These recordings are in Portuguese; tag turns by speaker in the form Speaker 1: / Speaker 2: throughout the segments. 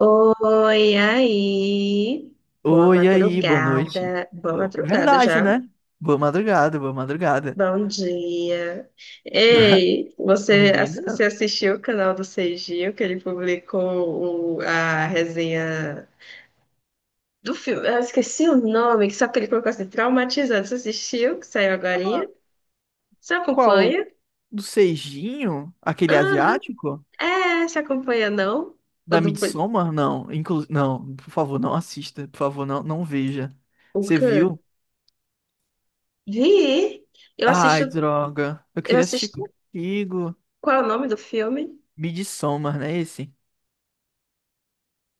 Speaker 1: Oi, aí. Boa
Speaker 2: Oi, aí, boa noite.
Speaker 1: madrugada. Boa madrugada
Speaker 2: Verdade,
Speaker 1: já.
Speaker 2: né? Boa madrugada, boa madrugada.
Speaker 1: Bom dia. Ei, você,
Speaker 2: Hoje ainda
Speaker 1: você
Speaker 2: não.
Speaker 1: assistiu o canal do Seijinho que ele publicou a resenha do filme? Ah, eu esqueci o nome, que só que ele colocou assim, traumatizando. Você assistiu, que saiu
Speaker 2: Eu
Speaker 1: agorinha?
Speaker 2: não-
Speaker 1: Você
Speaker 2: Qual?
Speaker 1: acompanha?
Speaker 2: Do Seijinho? Aquele
Speaker 1: Aham.
Speaker 2: asiático?
Speaker 1: É, você acompanha, não? O
Speaker 2: Da
Speaker 1: do... poli-
Speaker 2: Midsommar? Não, por favor, não assista. Por favor, não, não veja.
Speaker 1: O
Speaker 2: Você
Speaker 1: quê?
Speaker 2: viu?
Speaker 1: Vi. Eu assisto...
Speaker 2: Ai, droga. Eu
Speaker 1: Eu
Speaker 2: queria assistir
Speaker 1: assisto...
Speaker 2: contigo.
Speaker 1: Qual é o nome do filme?
Speaker 2: Midsommar, né? Esse?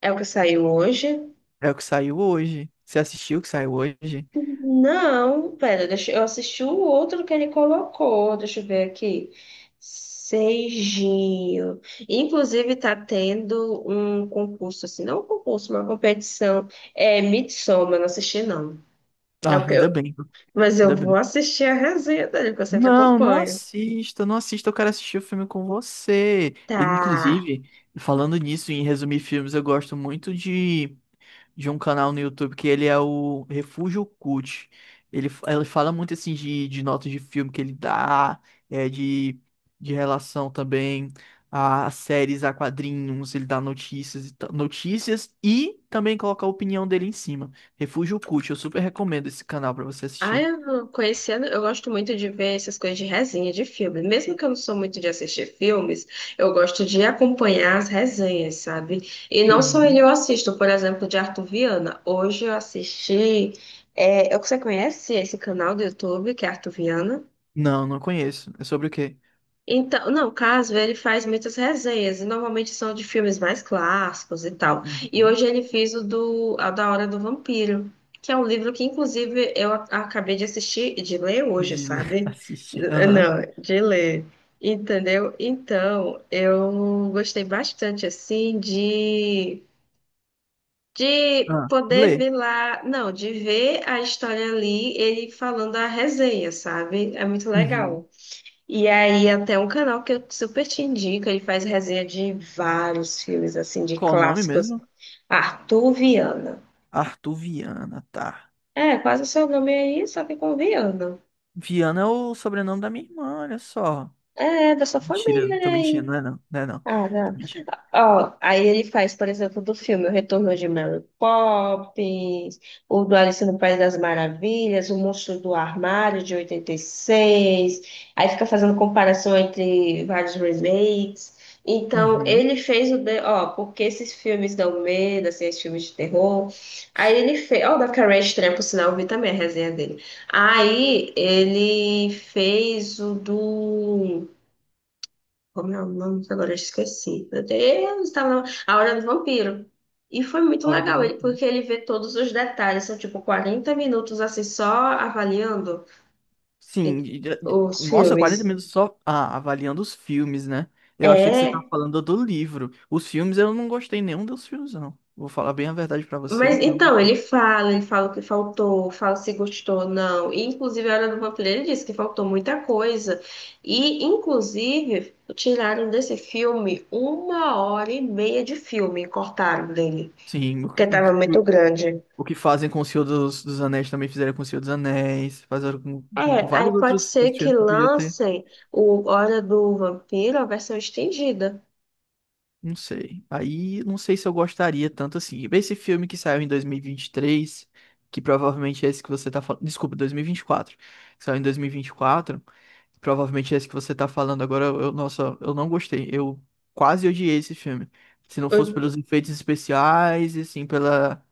Speaker 1: É o que saiu hoje?
Speaker 2: É o que saiu hoje. Você assistiu o que saiu hoje?
Speaker 1: Não, pera, deixa, eu assisti o outro que ele colocou, deixa eu ver aqui. Seijinho. Inclusive, tá tendo um concurso, assim, não um concurso, uma competição. É Midsommar, eu não assisti, não. É
Speaker 2: Ah,
Speaker 1: o que eu-
Speaker 2: ainda bem.
Speaker 1: mas eu
Speaker 2: Ainda
Speaker 1: vou
Speaker 2: bem.
Speaker 1: assistir a resenha dele, porque eu sempre
Speaker 2: Não, não
Speaker 1: acompanho.
Speaker 2: assista, não assista, eu quero assistir o filme com você. E,
Speaker 1: Tá.
Speaker 2: inclusive, falando nisso, em resumir filmes, eu gosto muito de um canal no YouTube que ele é o Refúgio Cult. Ele fala muito assim de notas de filme que ele dá, é, de, de relação também a séries, a quadrinhos, ele dá notícias, e notícias e também coloca a opinião dele em cima. Refúgio Cult, eu super recomendo esse canal pra você
Speaker 1: Ah,
Speaker 2: assistir.
Speaker 1: eu conhecendo, eu gosto muito de ver essas coisas de resenha de filme. Mesmo que eu não sou muito de assistir filmes, eu gosto de acompanhar as resenhas, sabe? E não só ele
Speaker 2: Uhum.
Speaker 1: eu assisto, por exemplo, de Arthur Viana. Hoje eu assisti. É, você conhece esse canal do YouTube, que é Arthur Viana?
Speaker 2: Não, não conheço. É sobre o quê?
Speaker 1: Então, não, o Casper, ele faz muitas resenhas, e normalmente são de filmes mais clássicos e tal. E
Speaker 2: Uhum.
Speaker 1: hoje ele fez o do a da Hora do Vampiro, que é um livro que, inclusive, acabei de assistir, de ler
Speaker 2: De
Speaker 1: hoje,
Speaker 2: ler,
Speaker 1: sabe?
Speaker 2: assistir. Aham.
Speaker 1: Não, de ler, entendeu? Então, eu gostei bastante, assim, de,
Speaker 2: Ah,
Speaker 1: poder
Speaker 2: ler.
Speaker 1: ver lá, não, de ver a história ali, ele falando a resenha, sabe? É muito
Speaker 2: Uhum.
Speaker 1: legal. E aí, até um canal que eu super te indico, ele faz resenha de vários filmes, assim, de
Speaker 2: Qual o nome
Speaker 1: clássicos.
Speaker 2: mesmo?
Speaker 1: Arthur Viana.
Speaker 2: Arthur Viana, tá.
Speaker 1: É, quase o seu nome aí, só que com Viana.
Speaker 2: Viana é o sobrenome da minha irmã, olha só.
Speaker 1: É, da sua
Speaker 2: Mentira,
Speaker 1: família, né?
Speaker 2: tô mentindo,
Speaker 1: Aí.
Speaker 2: não é não. Não é não.
Speaker 1: Ah,
Speaker 2: Tô mentindo.
Speaker 1: ó, aí ele faz, por exemplo, do filme O Retorno de Mary Poppins, o do Alice no País das Maravilhas, O Monstro do Armário de 86. Aí fica fazendo comparação entre vários remakes. Então,
Speaker 2: Uhum.
Speaker 1: ele fez ó, porque esses filmes dão medo, assim, esses filmes de terror. Aí ele fez. Ó, o da Carrie Estranha, por sinal, eu vi também a resenha dele. Aí ele fez o do. Como é o nome? Agora eu esqueci. Meu Deus, A Hora do Vampiro. E foi muito
Speaker 2: Hora do
Speaker 1: legal,
Speaker 2: Vampiro.
Speaker 1: porque ele vê todos os detalhes. São tipo 40 minutos assim, só avaliando e-
Speaker 2: Sim,
Speaker 1: os
Speaker 2: nossa, 40
Speaker 1: filmes.
Speaker 2: minutos só avaliando os filmes, né? Eu achei que você tava
Speaker 1: É,
Speaker 2: falando do livro. Os filmes, eu não gostei nenhum dos filmes, não. Vou falar bem a verdade pra
Speaker 1: mas
Speaker 2: você. Não
Speaker 1: então,
Speaker 2: gostei.
Speaker 1: ele fala, o que faltou, fala se gostou, ou não. E, inclusive, a Hora do Vampiro, ele disse que faltou muita coisa. E, inclusive, tiraram desse filme uma hora e meia de filme, cortaram dele,
Speaker 2: Sim,
Speaker 1: porque estava muito grande.
Speaker 2: o que fazem com o Senhor dos Anéis também fizeram com o Senhor dos Anéis, fizeram
Speaker 1: É,
Speaker 2: com
Speaker 1: aí
Speaker 2: vários
Speaker 1: pode ser
Speaker 2: outros
Speaker 1: que
Speaker 2: filmes que podia ter.
Speaker 1: lancem o Hora do Vampiro, a versão estendida.
Speaker 2: Não sei. Aí não sei se eu gostaria tanto assim. Esse filme que saiu em 2023, que provavelmente é esse que você tá falando. Desculpa, 2024. Que Saiu em 2024. Provavelmente é esse que você tá falando agora. Nossa, eu não gostei. Eu quase odiei esse filme. Se não fosse
Speaker 1: O-
Speaker 2: pelos efeitos especiais e assim pela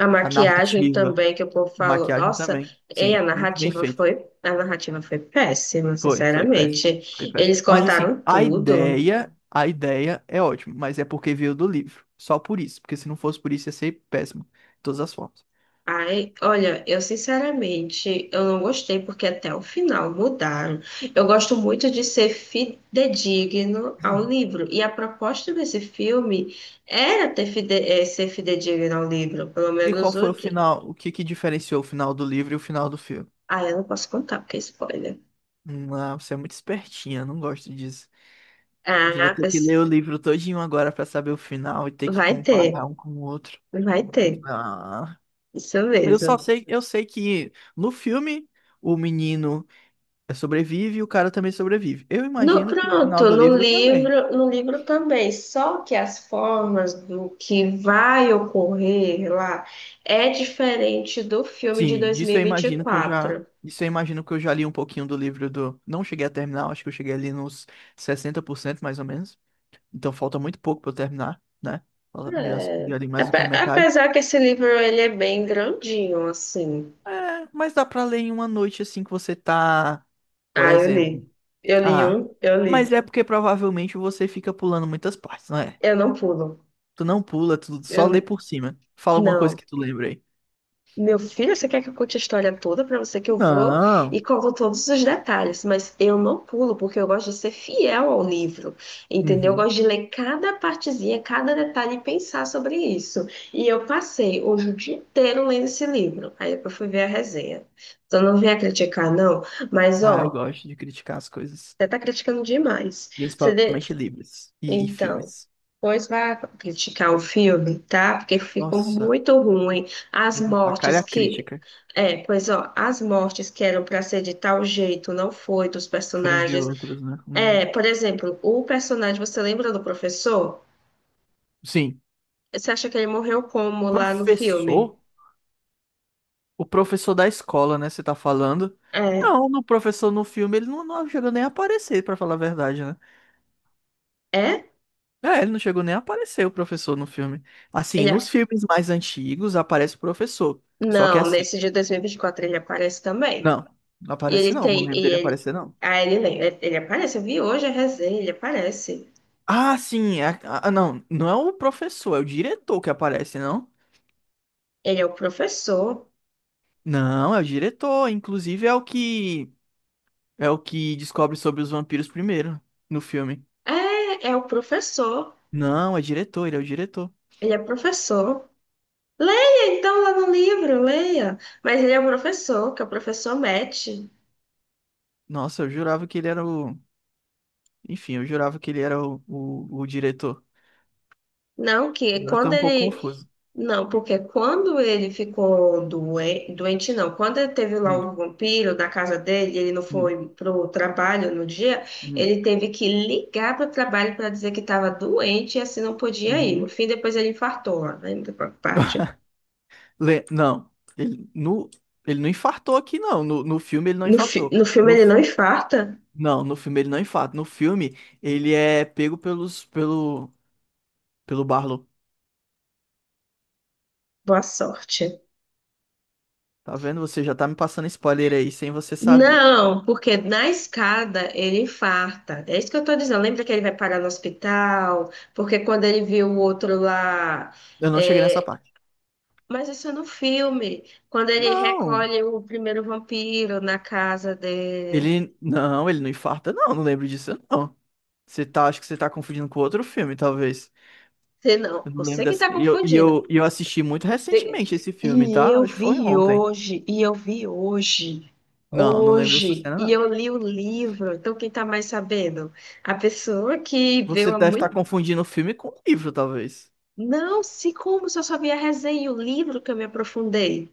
Speaker 1: A
Speaker 2: a
Speaker 1: maquiagem
Speaker 2: narrativa.
Speaker 1: também que o povo falou,
Speaker 2: Maquiagem
Speaker 1: nossa,
Speaker 2: também.
Speaker 1: e a
Speaker 2: Sim, muito bem
Speaker 1: narrativa
Speaker 2: feito.
Speaker 1: foi, a narrativa foi péssima,
Speaker 2: Foi, foi péssimo. Foi
Speaker 1: sinceramente.
Speaker 2: péssimo.
Speaker 1: Eles
Speaker 2: Mas assim,
Speaker 1: cortaram tudo.
Speaker 2: a ideia é ótima, mas é porque veio do livro. Só por isso, porque se não fosse por isso ia ser péssimo, de todas as formas.
Speaker 1: Ai, olha, eu sinceramente, eu não gostei porque até o final mudaram. Eu gosto muito de ser fidedigno ao livro. E a proposta desse filme era ter ser fidedigno ao livro. Pelo
Speaker 2: E qual
Speaker 1: menos o.
Speaker 2: foi o
Speaker 1: de-
Speaker 2: final? O que que diferenciou o final do livro e o final do filme?
Speaker 1: Ah, eu não posso contar porque é spoiler.
Speaker 2: Hum. Ah, você é muito espertinha, não gosto disso. Mas eu vou
Speaker 1: Ah,
Speaker 2: ter que
Speaker 1: mas
Speaker 2: ler o livro todinho agora pra saber o final e ter que
Speaker 1: vai ter,
Speaker 2: comparar um com o outro.
Speaker 1: vai ter.
Speaker 2: Ah,
Speaker 1: Isso
Speaker 2: eu só
Speaker 1: mesmo.
Speaker 2: sei, eu sei que no filme o menino sobrevive e o cara também sobrevive. Eu
Speaker 1: No,
Speaker 2: imagino que o final
Speaker 1: pronto,
Speaker 2: do
Speaker 1: no
Speaker 2: livro também.
Speaker 1: livro, no livro também, só que as formas do que vai ocorrer lá é diferente do filme de
Speaker 2: Sim,
Speaker 1: dois mil
Speaker 2: disso
Speaker 1: e
Speaker 2: eu
Speaker 1: vinte e
Speaker 2: imagino que eu já.
Speaker 1: quatro.
Speaker 2: Isso eu imagino que eu já li um pouquinho do livro do. Não cheguei a terminar, acho que eu cheguei ali nos 60% mais ou menos. Então falta muito pouco pra eu terminar, né? Fala- Já,
Speaker 1: É,
Speaker 2: já li mais do que a
Speaker 1: ape-
Speaker 2: metade.
Speaker 1: apesar que esse livro ele é bem grandinho, assim.
Speaker 2: É, mas dá pra ler em uma noite assim que você tá, por
Speaker 1: Ah, eu li.
Speaker 2: exemplo.
Speaker 1: Eu li,
Speaker 2: Ah,
Speaker 1: eu li.
Speaker 2: mas é porque provavelmente você fica pulando muitas partes, não é?
Speaker 1: Eu não pulo.
Speaker 2: Tu não pula, tu só lê
Speaker 1: Eu,
Speaker 2: por cima. Fala alguma coisa
Speaker 1: não.
Speaker 2: que tu lembra aí.
Speaker 1: Meu filho, você quer que eu conte a história toda pra você que eu vou e
Speaker 2: Não.
Speaker 1: conto todos os detalhes, mas eu não pulo porque eu gosto de ser fiel ao livro, entendeu? Eu
Speaker 2: Uhum.
Speaker 1: gosto de ler cada partezinha, cada detalhe e pensar sobre isso. E eu passei hoje o dia inteiro lendo esse livro. Aí depois fui ver a resenha. Então não venha criticar, não, mas
Speaker 2: Ah, eu
Speaker 1: ó,
Speaker 2: gosto de criticar as coisas.
Speaker 1: você tá criticando demais. Você, de-
Speaker 2: Principalmente livros e
Speaker 1: então,
Speaker 2: filmes.
Speaker 1: pois vai criticar o filme, tá? Porque ficou
Speaker 2: Nossa,
Speaker 1: muito ruim. As
Speaker 2: eu vou tacar
Speaker 1: mortes
Speaker 2: a
Speaker 1: que.
Speaker 2: crítica.
Speaker 1: É, pois ó, as mortes que eram para ser de tal jeito não foi dos
Speaker 2: Foram de
Speaker 1: personagens.
Speaker 2: outros, né? Hum.
Speaker 1: É, por exemplo, o personagem, você lembra do professor?
Speaker 2: Sim.
Speaker 1: Você acha que ele morreu como lá no filme?
Speaker 2: Professor? O professor da escola, né? Você tá falando?
Speaker 1: É,
Speaker 2: Não, no filme, ele não chegou nem a aparecer, pra falar a verdade, né?
Speaker 1: é?
Speaker 2: É, ele não chegou nem a aparecer, o professor, no filme. Assim,
Speaker 1: Ele, a-
Speaker 2: nos filmes mais antigos aparece o professor. Só que
Speaker 1: não,
Speaker 2: assim,
Speaker 1: nesse dia de 2024 ele aparece também.
Speaker 2: não, não
Speaker 1: E
Speaker 2: aparece
Speaker 1: ele
Speaker 2: não, não
Speaker 1: tem,
Speaker 2: lembro
Speaker 1: e
Speaker 2: dele
Speaker 1: ele,
Speaker 2: aparecer, não.
Speaker 1: ah, ele, lembra, ele aparece, eu vi hoje a resenha, ele aparece.
Speaker 2: Ah, sim, não, não é o professor, é o diretor que aparece, não?
Speaker 1: Ele é o professor.
Speaker 2: Não, é o diretor. Inclusive é o que descobre sobre os vampiros primeiro no filme.
Speaker 1: É, é o professor.
Speaker 2: Não, é diretor, ele é o diretor.
Speaker 1: Ele é professor. Leia então lá no livro, leia. Mas ele é o professor, que é o professor Matt.
Speaker 2: Nossa, eu jurava que ele era o. Enfim, eu jurava que ele era o diretor.
Speaker 1: Não, que
Speaker 2: Agora tá
Speaker 1: quando
Speaker 2: um pouco
Speaker 1: ele.
Speaker 2: confuso.
Speaker 1: Não, porque quando ele ficou doente, doente não, quando ele teve lá
Speaker 2: Hum,
Speaker 1: o vampiro na casa dele, ele não
Speaker 2: hum,
Speaker 1: foi pro trabalho no dia,
Speaker 2: hum,
Speaker 1: ele teve que ligar pro trabalho para dizer que estava doente e assim não podia ir. No
Speaker 2: uhum.
Speaker 1: fim, depois ele infartou lá, né, na parte.
Speaker 2: Não, ele, no, ele não infartou aqui, não. No filme ele não infartou.
Speaker 1: No filme
Speaker 2: No,
Speaker 1: ele
Speaker 2: f-
Speaker 1: não infarta.
Speaker 2: não, no filme ele não infarta. No filme ele é pego pelo Barlow.
Speaker 1: Boa sorte.
Speaker 2: Tá vendo? Você já tá me passando spoiler aí sem você saber.
Speaker 1: Não, porque na escada ele infarta. É isso que eu tô dizendo. Lembra que ele vai parar no hospital? Porque quando ele viu o outro lá.
Speaker 2: Eu não cheguei nessa
Speaker 1: É,
Speaker 2: parte.
Speaker 1: mas isso é no filme. Quando ele
Speaker 2: Não,
Speaker 1: recolhe o primeiro vampiro na casa dele.
Speaker 2: ele não infarta, não, não lembro disso, não. Acho que você tá confundindo com outro filme, talvez.
Speaker 1: Você não,
Speaker 2: Eu não lembro
Speaker 1: você que
Speaker 2: dessa.
Speaker 1: tá confundindo.
Speaker 2: E eu assisti muito recentemente esse filme,
Speaker 1: E
Speaker 2: tá?
Speaker 1: eu
Speaker 2: Acho que foi
Speaker 1: vi
Speaker 2: ontem.
Speaker 1: hoje,
Speaker 2: Não, não lembro dessa
Speaker 1: hoje,
Speaker 2: cena,
Speaker 1: e
Speaker 2: não.
Speaker 1: eu li o livro. Então, quem tá mais sabendo? A pessoa que
Speaker 2: Você
Speaker 1: veio há
Speaker 2: deve estar
Speaker 1: muito.
Speaker 2: confundindo o filme com o livro, talvez.
Speaker 1: Não, se como se eu só vi a resenha e o livro que eu me aprofundei.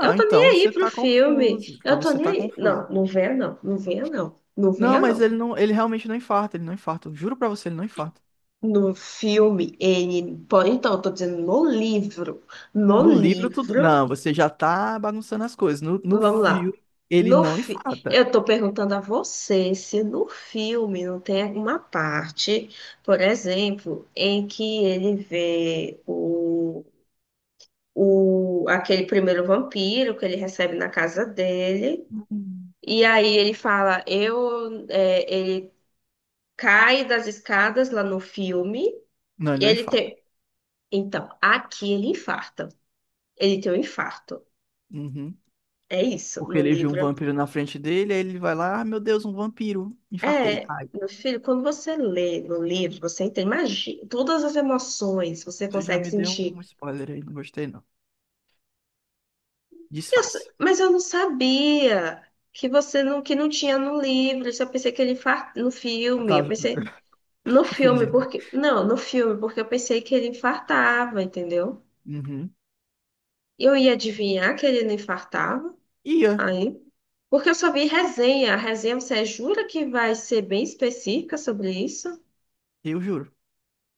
Speaker 1: Eu tô nem
Speaker 2: então
Speaker 1: aí
Speaker 2: você
Speaker 1: pro
Speaker 2: tá
Speaker 1: filme.
Speaker 2: confuso. Então
Speaker 1: Eu tô
Speaker 2: você
Speaker 1: nem
Speaker 2: tá
Speaker 1: aí.
Speaker 2: confuso.
Speaker 1: Não, não venha não. Não venha não. Não
Speaker 2: Não,
Speaker 1: venha
Speaker 2: mas
Speaker 1: não.
Speaker 2: ele realmente não infarta, ele não infarta. Eu juro pra você, ele não infarta.
Speaker 1: No filme, ele. Pô, então, eu tô dizendo no livro. No
Speaker 2: No livro tudo.
Speaker 1: livro.
Speaker 2: Não, você já tá bagunçando as coisas. No
Speaker 1: Vamos lá.
Speaker 2: filme, ele
Speaker 1: No
Speaker 2: não
Speaker 1: fi...
Speaker 2: infarta.
Speaker 1: Eu tô perguntando a você se no filme não tem alguma parte, por exemplo, em que ele vê o, aquele primeiro vampiro que ele recebe na casa dele. E aí ele fala, ele cai das escadas lá no filme.
Speaker 2: Não, ele
Speaker 1: E
Speaker 2: não
Speaker 1: ele
Speaker 2: infarta.
Speaker 1: tem. Então, aqui ele infarta. Ele tem um infarto.
Speaker 2: Uhum.
Speaker 1: É isso,
Speaker 2: Porque
Speaker 1: no
Speaker 2: ele viu um
Speaker 1: livro.
Speaker 2: vampiro na frente dele, aí ele vai lá, ah, meu Deus, um vampiro. Infartei.
Speaker 1: É,
Speaker 2: Ai,
Speaker 1: meu filho, quando você lê no livro, você entende, imagina, todas as emoções você
Speaker 2: você já
Speaker 1: consegue
Speaker 2: me deu
Speaker 1: sentir.
Speaker 2: um spoiler aí, não gostei não.
Speaker 1: Eu s-
Speaker 2: Disfarça.
Speaker 1: mas eu não sabia que você não, que não tinha no livro. Eu só pensei que ele infarta no
Speaker 2: Eu
Speaker 1: filme. Eu
Speaker 2: tava
Speaker 1: pensei. No filme,
Speaker 2: confundindo.
Speaker 1: porque. Não, no filme, porque eu pensei que ele infartava, entendeu?
Speaker 2: Uhum.
Speaker 1: E eu ia adivinhar que ele não infartava,
Speaker 2: Ia,
Speaker 1: aí. Porque eu só vi resenha. A resenha, você jura que vai ser bem específica sobre isso?
Speaker 2: eu juro.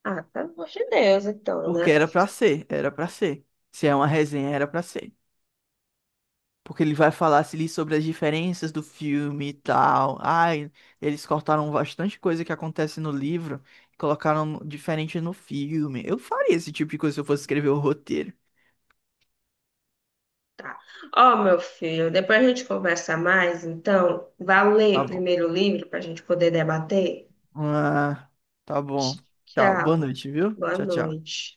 Speaker 1: Ah, pelo amor de Deus, então,
Speaker 2: Porque
Speaker 1: né?
Speaker 2: era pra ser, era pra ser. Se é uma resenha, era pra ser. Porque ele vai falar se ali sobre as diferenças do filme e tal. Ai, eles cortaram bastante coisa que acontece no livro e colocaram diferente no filme. Eu faria esse tipo de coisa se eu fosse escrever o roteiro.
Speaker 1: Tá. Ó, meu filho, depois a gente conversa mais, então. Vá
Speaker 2: Tá
Speaker 1: ler
Speaker 2: bom.
Speaker 1: primeiro o livro para a gente poder debater.
Speaker 2: Ah, tá bom.
Speaker 1: Tch-
Speaker 2: Tchau. Boa
Speaker 1: Tchau.
Speaker 2: noite, viu?
Speaker 1: Boa
Speaker 2: Tchau, tchau.
Speaker 1: noite.